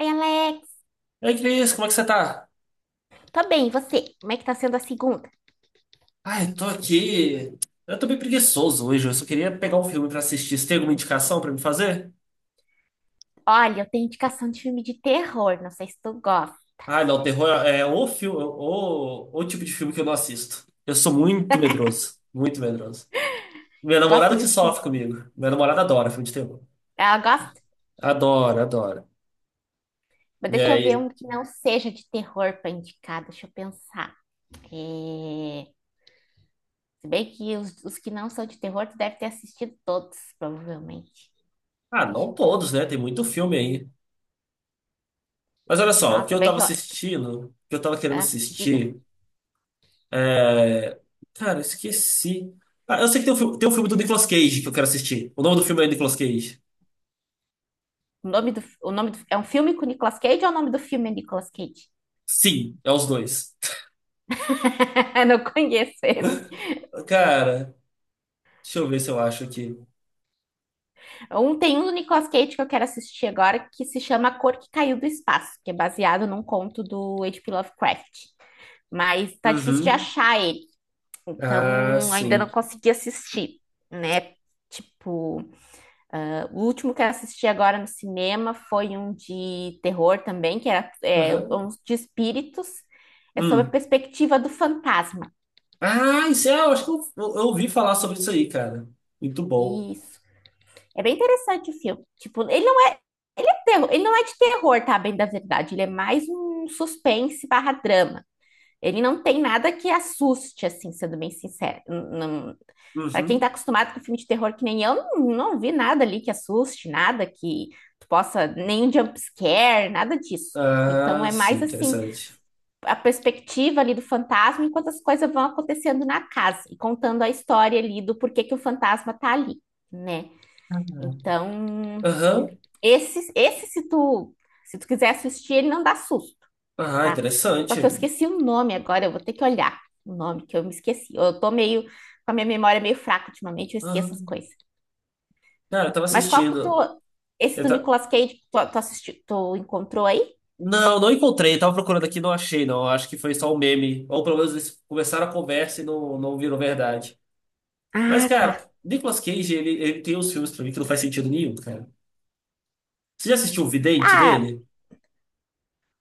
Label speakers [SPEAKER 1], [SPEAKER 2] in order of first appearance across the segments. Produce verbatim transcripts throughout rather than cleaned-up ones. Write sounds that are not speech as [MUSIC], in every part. [SPEAKER 1] Oi, Alex.
[SPEAKER 2] Ei, Cris, como é que você tá?
[SPEAKER 1] Tô bem, e você? Como é que tá sendo a segunda?
[SPEAKER 2] Ai, tô aqui. Eu tô bem preguiçoso hoje. Eu só queria pegar um filme pra assistir. Você tem alguma indicação pra me fazer?
[SPEAKER 1] Olha, eu tenho indicação de filme de terror, não sei se tu gosta.
[SPEAKER 2] Ai, não, terror é o filme, o, o tipo de filme que eu não assisto. Eu sou muito medroso, muito medroso. Minha
[SPEAKER 1] Eu gosto
[SPEAKER 2] namorada que
[SPEAKER 1] muito de filme
[SPEAKER 2] sofre
[SPEAKER 1] de...
[SPEAKER 2] comigo. Minha namorada adora filme de terror.
[SPEAKER 1] Ah, gosto,
[SPEAKER 2] Adora, adora.
[SPEAKER 1] mas
[SPEAKER 2] E
[SPEAKER 1] deixa eu ver
[SPEAKER 2] aí?
[SPEAKER 1] um que não seja de terror pra indicar, deixa eu pensar. É... Se bem que os, os que não são de terror, tu deve ter assistido todos, provavelmente.
[SPEAKER 2] Ah,
[SPEAKER 1] Deixa
[SPEAKER 2] não
[SPEAKER 1] eu pensar.
[SPEAKER 2] todos, né? Tem muito filme aí. Mas olha só, o que
[SPEAKER 1] Nossa, é
[SPEAKER 2] eu
[SPEAKER 1] bem
[SPEAKER 2] tava
[SPEAKER 1] que eu...
[SPEAKER 2] assistindo, o que eu tava querendo
[SPEAKER 1] Ah, diga.
[SPEAKER 2] assistir. É, Cara, eu esqueci. Ah, eu sei que tem um, fi- tem um filme do Nicolas Cage que eu quero assistir. O nome do filme é Nicolas Cage.
[SPEAKER 1] O nome do, o nome do... É um filme com o Nicolas Cage ou é o nome do filme é Nicolas Cage?
[SPEAKER 2] Sim, é os dois.
[SPEAKER 1] [LAUGHS] Não conheço esse.
[SPEAKER 2] Cara, deixa eu ver se eu acho aqui.
[SPEAKER 1] Um tem um do Nicolas Cage que eu quero assistir agora, que se chama A Cor que Caiu do Espaço, que é baseado num conto do agá pê. Lovecraft. Mas tá difícil de
[SPEAKER 2] Uhum.
[SPEAKER 1] achar ele,
[SPEAKER 2] Ah,
[SPEAKER 1] então ainda não
[SPEAKER 2] sim.
[SPEAKER 1] consegui assistir, né? Tipo, ah, o último que eu assisti agora no cinema foi um de terror também, que era é,
[SPEAKER 2] Aham.
[SPEAKER 1] um de espíritos, é sobre a
[SPEAKER 2] Hum.
[SPEAKER 1] perspectiva do fantasma.
[SPEAKER 2] Ah, isso é, eu acho que eu, eu, eu ouvi falar sobre isso aí, cara. Muito bom.
[SPEAKER 1] Isso. É bem interessante o filme. Tipo, ele terror. Ele não é de terror, tá? Bem da verdade. Ele é mais um suspense barra drama. Ele não tem nada que assuste, assim, sendo bem sincero. Para quem tá
[SPEAKER 2] Uhum.
[SPEAKER 1] acostumado com filme de terror, que nem eu, não, não vi nada ali que assuste, nada que tu possa, nem um jump scare, nada disso. Então
[SPEAKER 2] Ah,
[SPEAKER 1] é
[SPEAKER 2] sim,
[SPEAKER 1] mais assim,
[SPEAKER 2] interessante.
[SPEAKER 1] a perspectiva ali do fantasma enquanto as coisas vão acontecendo na casa e contando a história ali do porquê que o fantasma tá ali, né? Então,
[SPEAKER 2] Aham.
[SPEAKER 1] esse, esse se tu, se tu quiser assistir, ele não dá susto,
[SPEAKER 2] Ah,
[SPEAKER 1] tá? Só que eu
[SPEAKER 2] interessante.
[SPEAKER 1] esqueci o nome agora, eu vou ter que olhar o nome que eu me esqueci. Eu tô meio com a minha memória meio fraca ultimamente, eu esqueço as
[SPEAKER 2] Aham.
[SPEAKER 1] coisas.
[SPEAKER 2] Cara, eu tava
[SPEAKER 1] Mas qual que tu
[SPEAKER 2] assistindo.
[SPEAKER 1] esse do Nicolas Cage tu, tu assistiu, tu encontrou aí?
[SPEAKER 2] Não, não encontrei. Tava procurando aqui, e não achei, não. Acho que foi só um meme. Ou pelo menos eles começaram a conversa e não, não virou verdade. Mas,
[SPEAKER 1] Ah,
[SPEAKER 2] cara,
[SPEAKER 1] tá.
[SPEAKER 2] Nicolas Cage, ele, ele tem uns filmes pra mim que não faz sentido nenhum, cara. Você já assistiu O Vidente
[SPEAKER 1] Ah,
[SPEAKER 2] dele?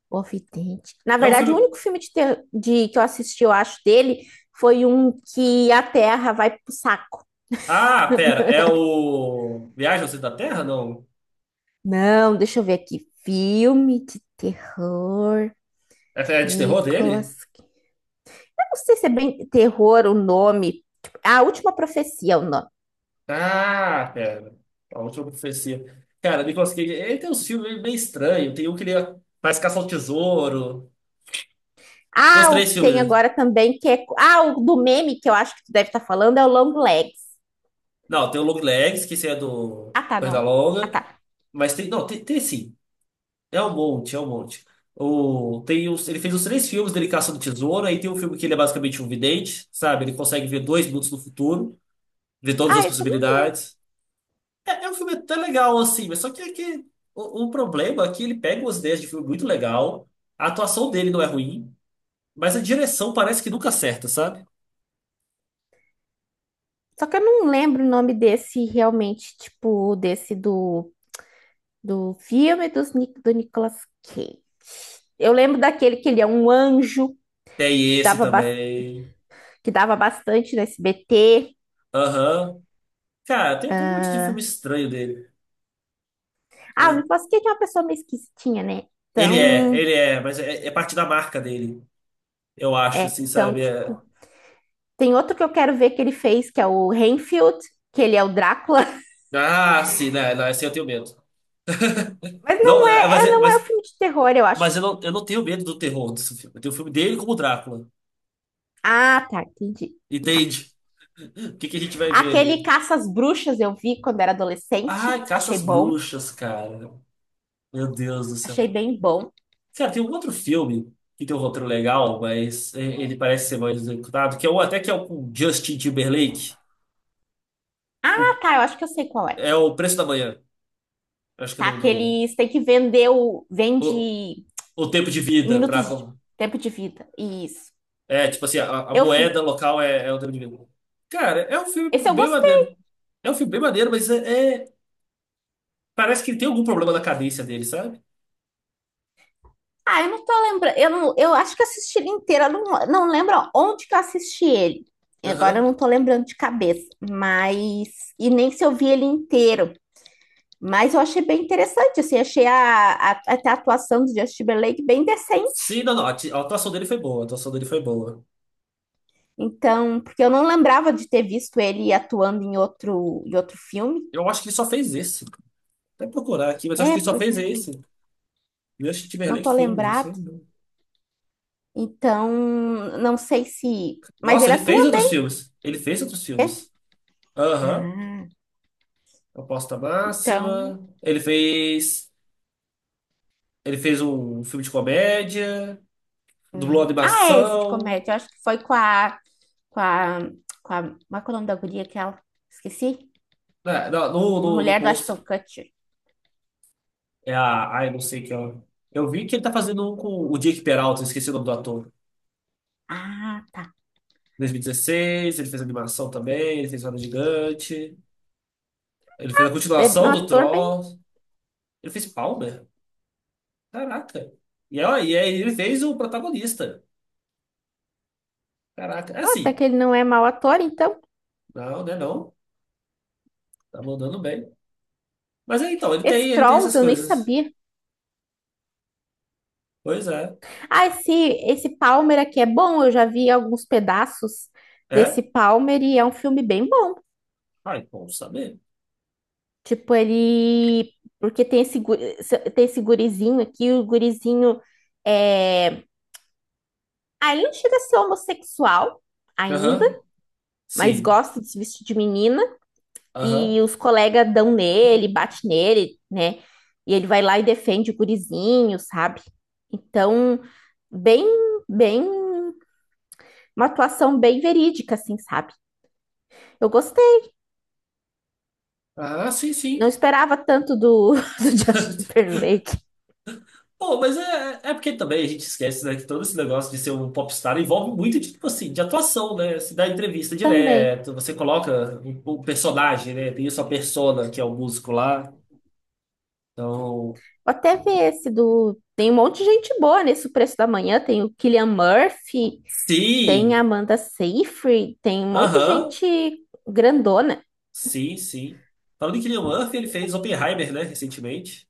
[SPEAKER 1] O Vidente. Na
[SPEAKER 2] É um
[SPEAKER 1] verdade, o
[SPEAKER 2] filme.
[SPEAKER 1] único filme de, ter- de- que eu assisti, eu acho, dele foi um que a Terra vai pro saco.
[SPEAKER 2] Ah, pera, é o. Viagem ao Centro da Terra? Não.
[SPEAKER 1] Não, deixa eu ver aqui. Filme de terror.
[SPEAKER 2] É é de terror dele?
[SPEAKER 1] Nicolas. Eu não sei se é bem terror o nome. Tipo, a Última Profecia é o nome.
[SPEAKER 2] Ah, pera. A última profecia. Cara, Nicolas Cage, ele tem uns filmes meio estranhos. Tem um que ele faz caça ao tesouro. Tem uns
[SPEAKER 1] Ah, o
[SPEAKER 2] três
[SPEAKER 1] que tem
[SPEAKER 2] filmes.
[SPEAKER 1] agora também, que é. Ah, o do meme que eu acho que tu deve estar falando é o Long Legs.
[SPEAKER 2] Não, tem o Long Legs, que esse é do
[SPEAKER 1] Ah, tá, não
[SPEAKER 2] perna
[SPEAKER 1] é? Ah,
[SPEAKER 2] Longa.
[SPEAKER 1] tá.
[SPEAKER 2] Mas tem. Não, tem, tem sim. É um monte, é um monte. O, tem os, ele fez os três filmes dele caçando tesouro. Aí tem um filme que ele é basicamente um vidente, sabe? Ele consegue ver dois minutos no futuro, ver todas as
[SPEAKER 1] Ah, esse eu não lembro.
[SPEAKER 2] possibilidades. É, é um filme até legal, assim, mas só que, é que o, o problema é que ele pega umas ideias de filme muito legal. A atuação dele não é ruim, mas a direção parece que nunca acerta, sabe?
[SPEAKER 1] Só que eu não lembro o nome desse realmente, tipo, desse do, do filme dos, Ni- do Nicolas Cage. Eu lembro daquele que ele é um anjo,
[SPEAKER 2] Tem
[SPEAKER 1] que
[SPEAKER 2] esse
[SPEAKER 1] dava, bas-
[SPEAKER 2] também.
[SPEAKER 1] que dava bastante no S B T.
[SPEAKER 2] Aham. Cara, tem, tem um monte de filme estranho dele.
[SPEAKER 1] Ah, o
[SPEAKER 2] É,
[SPEAKER 1] Nicolas Cage é uma pessoa meio esquisitinha, né?
[SPEAKER 2] Ele é, ele
[SPEAKER 1] Então.
[SPEAKER 2] é, mas é, é parte da marca dele, eu acho,
[SPEAKER 1] É,
[SPEAKER 2] assim,
[SPEAKER 1] então,
[SPEAKER 2] sabe? É-
[SPEAKER 1] tipo, tem outro que eu quero ver que ele fez, que é o Renfield, que ele é o Drácula. [LAUGHS]
[SPEAKER 2] Ah, sim, né? Não, assim eu tenho medo.
[SPEAKER 1] Mas
[SPEAKER 2] Não,
[SPEAKER 1] não é,
[SPEAKER 2] é, mas,
[SPEAKER 1] é-
[SPEAKER 2] é-
[SPEAKER 1] não é o
[SPEAKER 2] mas,
[SPEAKER 1] filme de terror, eu
[SPEAKER 2] mas
[SPEAKER 1] acho.
[SPEAKER 2] eu não, eu não tenho medo do terror desse filme. Eu tenho o filme dele como Drácula.
[SPEAKER 1] Ah, tá, entendi. Tá.
[SPEAKER 2] Entende? O que que a gente vai ver
[SPEAKER 1] Aquele
[SPEAKER 2] ali?
[SPEAKER 1] Caça às Bruxas eu vi quando era adolescente,
[SPEAKER 2] Ai, Caça
[SPEAKER 1] achei
[SPEAKER 2] às
[SPEAKER 1] bom,
[SPEAKER 2] Bruxas, cara. Meu Deus do céu.
[SPEAKER 1] achei bem bom.
[SPEAKER 2] Cara, tem um outro filme que tem um roteiro legal, mas e- ele parece ser mal executado, que é o até que é o com Justin Timberlake. O-
[SPEAKER 1] Ah, tá, eu acho que eu sei qual é.
[SPEAKER 2] É o Preço da Manhã. Acho que é o
[SPEAKER 1] Tá,
[SPEAKER 2] nome
[SPEAKER 1] que
[SPEAKER 2] do.
[SPEAKER 1] eles têm que vender o
[SPEAKER 2] o-
[SPEAKER 1] vende
[SPEAKER 2] o tempo de vida para
[SPEAKER 1] minutos de tempo de vida. Isso.
[SPEAKER 2] é, tipo assim, a, a
[SPEAKER 1] Eu
[SPEAKER 2] moeda
[SPEAKER 1] vi.
[SPEAKER 2] local é, é o dinheiro. Cara, é um filme
[SPEAKER 1] Esse eu
[SPEAKER 2] bem
[SPEAKER 1] gostei.
[SPEAKER 2] maneiro. É um filme bem maneiro, mas é, é- parece que ele tem algum problema na cadência dele, sabe?
[SPEAKER 1] Ah, eu não tô lembrando. Eu, não, eu acho que eu assisti ele inteiro. Eu não, não lembro onde que eu assisti ele. Agora eu
[SPEAKER 2] Aham.
[SPEAKER 1] não tô lembrando de cabeça. Mas. E nem se eu vi ele inteiro. Mas eu achei bem interessante. Assim, achei a, a, até a atuação do Justin Timberlake bem
[SPEAKER 2] Sim,
[SPEAKER 1] decente.
[SPEAKER 2] não, não. A ati- a atuação dele foi boa. A atuação dele foi boa.
[SPEAKER 1] Então, porque eu não lembrava de ter visto ele atuando em outro, em outro filme.
[SPEAKER 2] Eu acho que ele só fez esse. Vou Até procurar aqui, mas eu acho
[SPEAKER 1] É,
[SPEAKER 2] que ele só
[SPEAKER 1] pois é,
[SPEAKER 2] fez esse. eu Justin
[SPEAKER 1] não tô
[SPEAKER 2] Timberlake filmes, não sei
[SPEAKER 1] lembrado.
[SPEAKER 2] não.
[SPEAKER 1] Então, não sei se. Mas
[SPEAKER 2] Nossa,
[SPEAKER 1] ele
[SPEAKER 2] ele fez
[SPEAKER 1] atua
[SPEAKER 2] outros
[SPEAKER 1] bem,
[SPEAKER 2] filmes. Ele fez outros
[SPEAKER 1] né?
[SPEAKER 2] filmes. Aham.
[SPEAKER 1] Ah,
[SPEAKER 2] Aposta
[SPEAKER 1] então.
[SPEAKER 2] Máxima. Ele fez. Ele fez um filme de comédia. Dublou
[SPEAKER 1] Uhum. Ah, é esse de
[SPEAKER 2] animação.
[SPEAKER 1] comédia. Eu acho que foi com a, com a, com a, qual é que é o nome da guria que ela, esqueci?
[SPEAKER 2] É, não, no, no, no
[SPEAKER 1] Mulher do
[SPEAKER 2] posto.
[SPEAKER 1] Ashton Kutcher.
[SPEAKER 2] É a. Ai, não sei que é. Eu vi que ele tá fazendo um com o Jake Peralta, eu esqueci o nome do ator.
[SPEAKER 1] Ah, tá.
[SPEAKER 2] dois mil e dezesseis, ele fez animação também, ele fez Roda Gigante, ele fez a
[SPEAKER 1] É um
[SPEAKER 2] continuação do
[SPEAKER 1] ator bem.
[SPEAKER 2] Troll, ele fez Palmer. Caraca. E, ó, e aí ele fez o protagonista. Caraca. É
[SPEAKER 1] Ah, até
[SPEAKER 2] assim.
[SPEAKER 1] que ele não é mau ator, então.
[SPEAKER 2] Não, né? Não. Tá mandando bem. Mas é então, ele tem,
[SPEAKER 1] Esse
[SPEAKER 2] ele tem
[SPEAKER 1] Trolls
[SPEAKER 2] essas
[SPEAKER 1] eu nem
[SPEAKER 2] coisas.
[SPEAKER 1] sabia.
[SPEAKER 2] Pois é.
[SPEAKER 1] Ah, esse, esse Palmer aqui é bom. Eu já vi alguns pedaços desse
[SPEAKER 2] É?
[SPEAKER 1] Palmer e é um filme bem bom.
[SPEAKER 2] Ai, bom saber.
[SPEAKER 1] Tipo, ele. Porque tem esse, gu- tem esse gurizinho aqui, o gurizinho é. Ah, ele não chega a ser homossexual ainda,
[SPEAKER 2] Aham.
[SPEAKER 1] mas
[SPEAKER 2] Sim.
[SPEAKER 1] gosta de se vestir de menina
[SPEAKER 2] Aham.
[SPEAKER 1] e os colegas dão nele, bate nele, né? E ele vai lá e defende o gurizinho, sabe? Então, bem, bem, uma atuação bem verídica, assim, sabe? Eu gostei.
[SPEAKER 2] Ah, sim, sim.
[SPEAKER 1] Não esperava tanto do, [LAUGHS] do Justin
[SPEAKER 2] [LAUGHS]
[SPEAKER 1] Timberlake
[SPEAKER 2] Pô, mas é, é é porque também a gente esquece, né, que todo esse negócio de ser um popstar envolve muito de, tipo assim, de atuação, né? Você dá entrevista
[SPEAKER 1] também.
[SPEAKER 2] direto, você coloca o, o personagem, né? Tem a sua persona, que é o músico lá. Então,
[SPEAKER 1] Vou até ver esse do. Tem um monte de gente boa nesse O Preço da Manhã. Tem o Killian Murphy, tem a
[SPEAKER 2] sim,
[SPEAKER 1] Amanda Seyfried, tem um monte de
[SPEAKER 2] aham,
[SPEAKER 1] gente grandona.
[SPEAKER 2] sim, sim. Falando em Cillian Murphy, ele fez Oppenheimer, né, recentemente,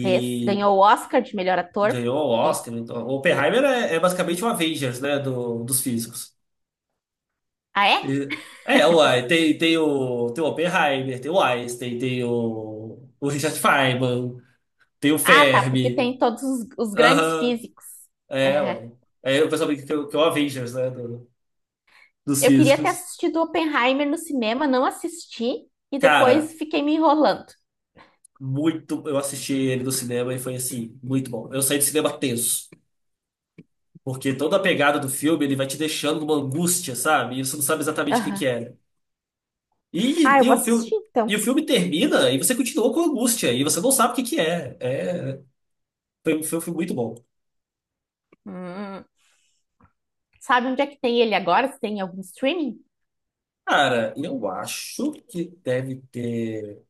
[SPEAKER 1] Fez. Ganhou o Oscar de melhor ator.
[SPEAKER 2] ganhou o
[SPEAKER 1] É.
[SPEAKER 2] Oscar. Então, Oppenheimer é, é basicamente o Avengers, né, do, dos físicos.
[SPEAKER 1] Ah, é?
[SPEAKER 2] E- É, é, uai, tem, tem o, tem o Oppenheimer, tem o Einstein, tem o, o Richard Feynman, tem o
[SPEAKER 1] Ah, tá, porque
[SPEAKER 2] Fermi.
[SPEAKER 1] tem todos os, os grandes
[SPEAKER 2] Aham,
[SPEAKER 1] físicos.
[SPEAKER 2] é,
[SPEAKER 1] Aham.
[SPEAKER 2] uai. É, o pessoal brinca que, é o que é o Avengers, né, do- dos
[SPEAKER 1] Eu queria ter
[SPEAKER 2] físicos.
[SPEAKER 1] assistido Oppenheimer no cinema, não assisti e depois
[SPEAKER 2] Cara,
[SPEAKER 1] fiquei me enrolando.
[SPEAKER 2] muito, eu assisti ele no cinema e foi assim, muito bom. Eu saí do cinema tenso, porque toda a pegada do filme, ele vai te deixando numa angústia, sabe? E você não sabe exatamente o que que
[SPEAKER 1] Aham.
[SPEAKER 2] é.
[SPEAKER 1] Ah,
[SPEAKER 2] E,
[SPEAKER 1] eu
[SPEAKER 2] e
[SPEAKER 1] vou
[SPEAKER 2] o
[SPEAKER 1] assistir
[SPEAKER 2] filme, e
[SPEAKER 1] então.
[SPEAKER 2] o filme termina e você continua com angústia, e você não sabe o que que é. É. Foi um filme muito bom.
[SPEAKER 1] Hum. Sabe onde é que tem ele agora? Se tem em algum streaming?
[SPEAKER 2] Cara, eu acho que deve ter.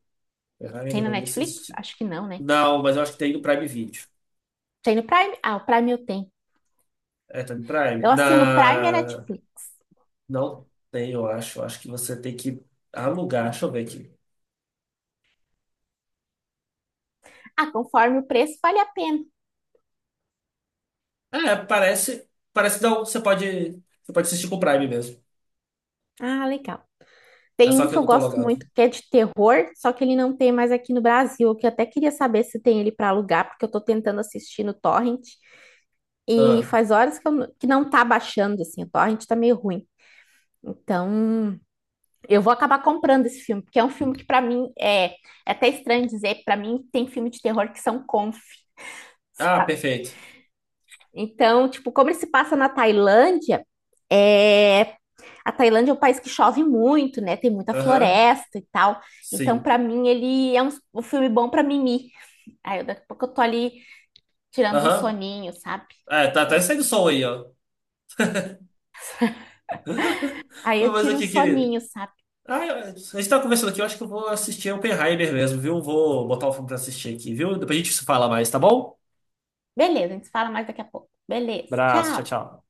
[SPEAKER 2] Ferrari eu
[SPEAKER 1] Tem
[SPEAKER 2] não
[SPEAKER 1] na
[SPEAKER 2] lembro
[SPEAKER 1] Netflix?
[SPEAKER 2] assistir.
[SPEAKER 1] Acho que não, né?
[SPEAKER 2] Não, mas eu acho que tem no Prime Video.
[SPEAKER 1] Tem no Prime? Ah, o Prime eu tenho.
[SPEAKER 2] É, tá no Prime.
[SPEAKER 1] Eu assino o Prime e a
[SPEAKER 2] Na...
[SPEAKER 1] Netflix.
[SPEAKER 2] Não tem, eu acho. Eu Acho que você tem que alugar. Deixa eu ver aqui.
[SPEAKER 1] Ah, conforme o preço, vale a pena.
[SPEAKER 2] É, parece. Parece que não. Você pode. Você pode assistir com o Prime mesmo.
[SPEAKER 1] Ah, legal.
[SPEAKER 2] É
[SPEAKER 1] Tem
[SPEAKER 2] só
[SPEAKER 1] um
[SPEAKER 2] que
[SPEAKER 1] que
[SPEAKER 2] eu
[SPEAKER 1] eu
[SPEAKER 2] não tô
[SPEAKER 1] gosto
[SPEAKER 2] logado.
[SPEAKER 1] muito que é de terror, só que ele não tem mais aqui no Brasil, que eu até queria saber se tem ele para alugar, porque eu tô tentando assistir no Torrent e
[SPEAKER 2] Ah,
[SPEAKER 1] faz horas que, eu n- que não tá baixando, assim, o Torrent tá meio ruim. Então, eu vou acabar comprando esse filme, porque é um filme que para mim é, é até estranho dizer, para mim tem filme de terror que são conf.
[SPEAKER 2] ah perfeito.
[SPEAKER 1] Então, tipo, como ele se passa na Tailândia, é A Tailândia é um país que chove muito, né? Tem muita
[SPEAKER 2] Aham.
[SPEAKER 1] floresta e tal. Então,
[SPEAKER 2] Sim.
[SPEAKER 1] pra mim, ele é um, um filme bom pra mimir. Aí, eu- daqui a pouco eu tô ali tirando um
[SPEAKER 2] Aham.
[SPEAKER 1] soninho, sabe?
[SPEAKER 2] É, tá até
[SPEAKER 1] É.
[SPEAKER 2] saindo som aí, ó.
[SPEAKER 1] [LAUGHS] Aí
[SPEAKER 2] Não,
[SPEAKER 1] eu
[SPEAKER 2] mas
[SPEAKER 1] tiro um
[SPEAKER 2] aqui, querido.
[SPEAKER 1] soninho, sabe?
[SPEAKER 2] Ah, eu- a gente tá conversando aqui, eu acho que eu vou assistir Oppenheimer mesmo, viu? Vou botar o filme pra assistir aqui, viu? Depois a gente se fala mais, tá bom?
[SPEAKER 1] Beleza, a gente fala mais daqui a pouco. Beleza,
[SPEAKER 2] Abraço, tchau,
[SPEAKER 1] tchau.
[SPEAKER 2] tchau.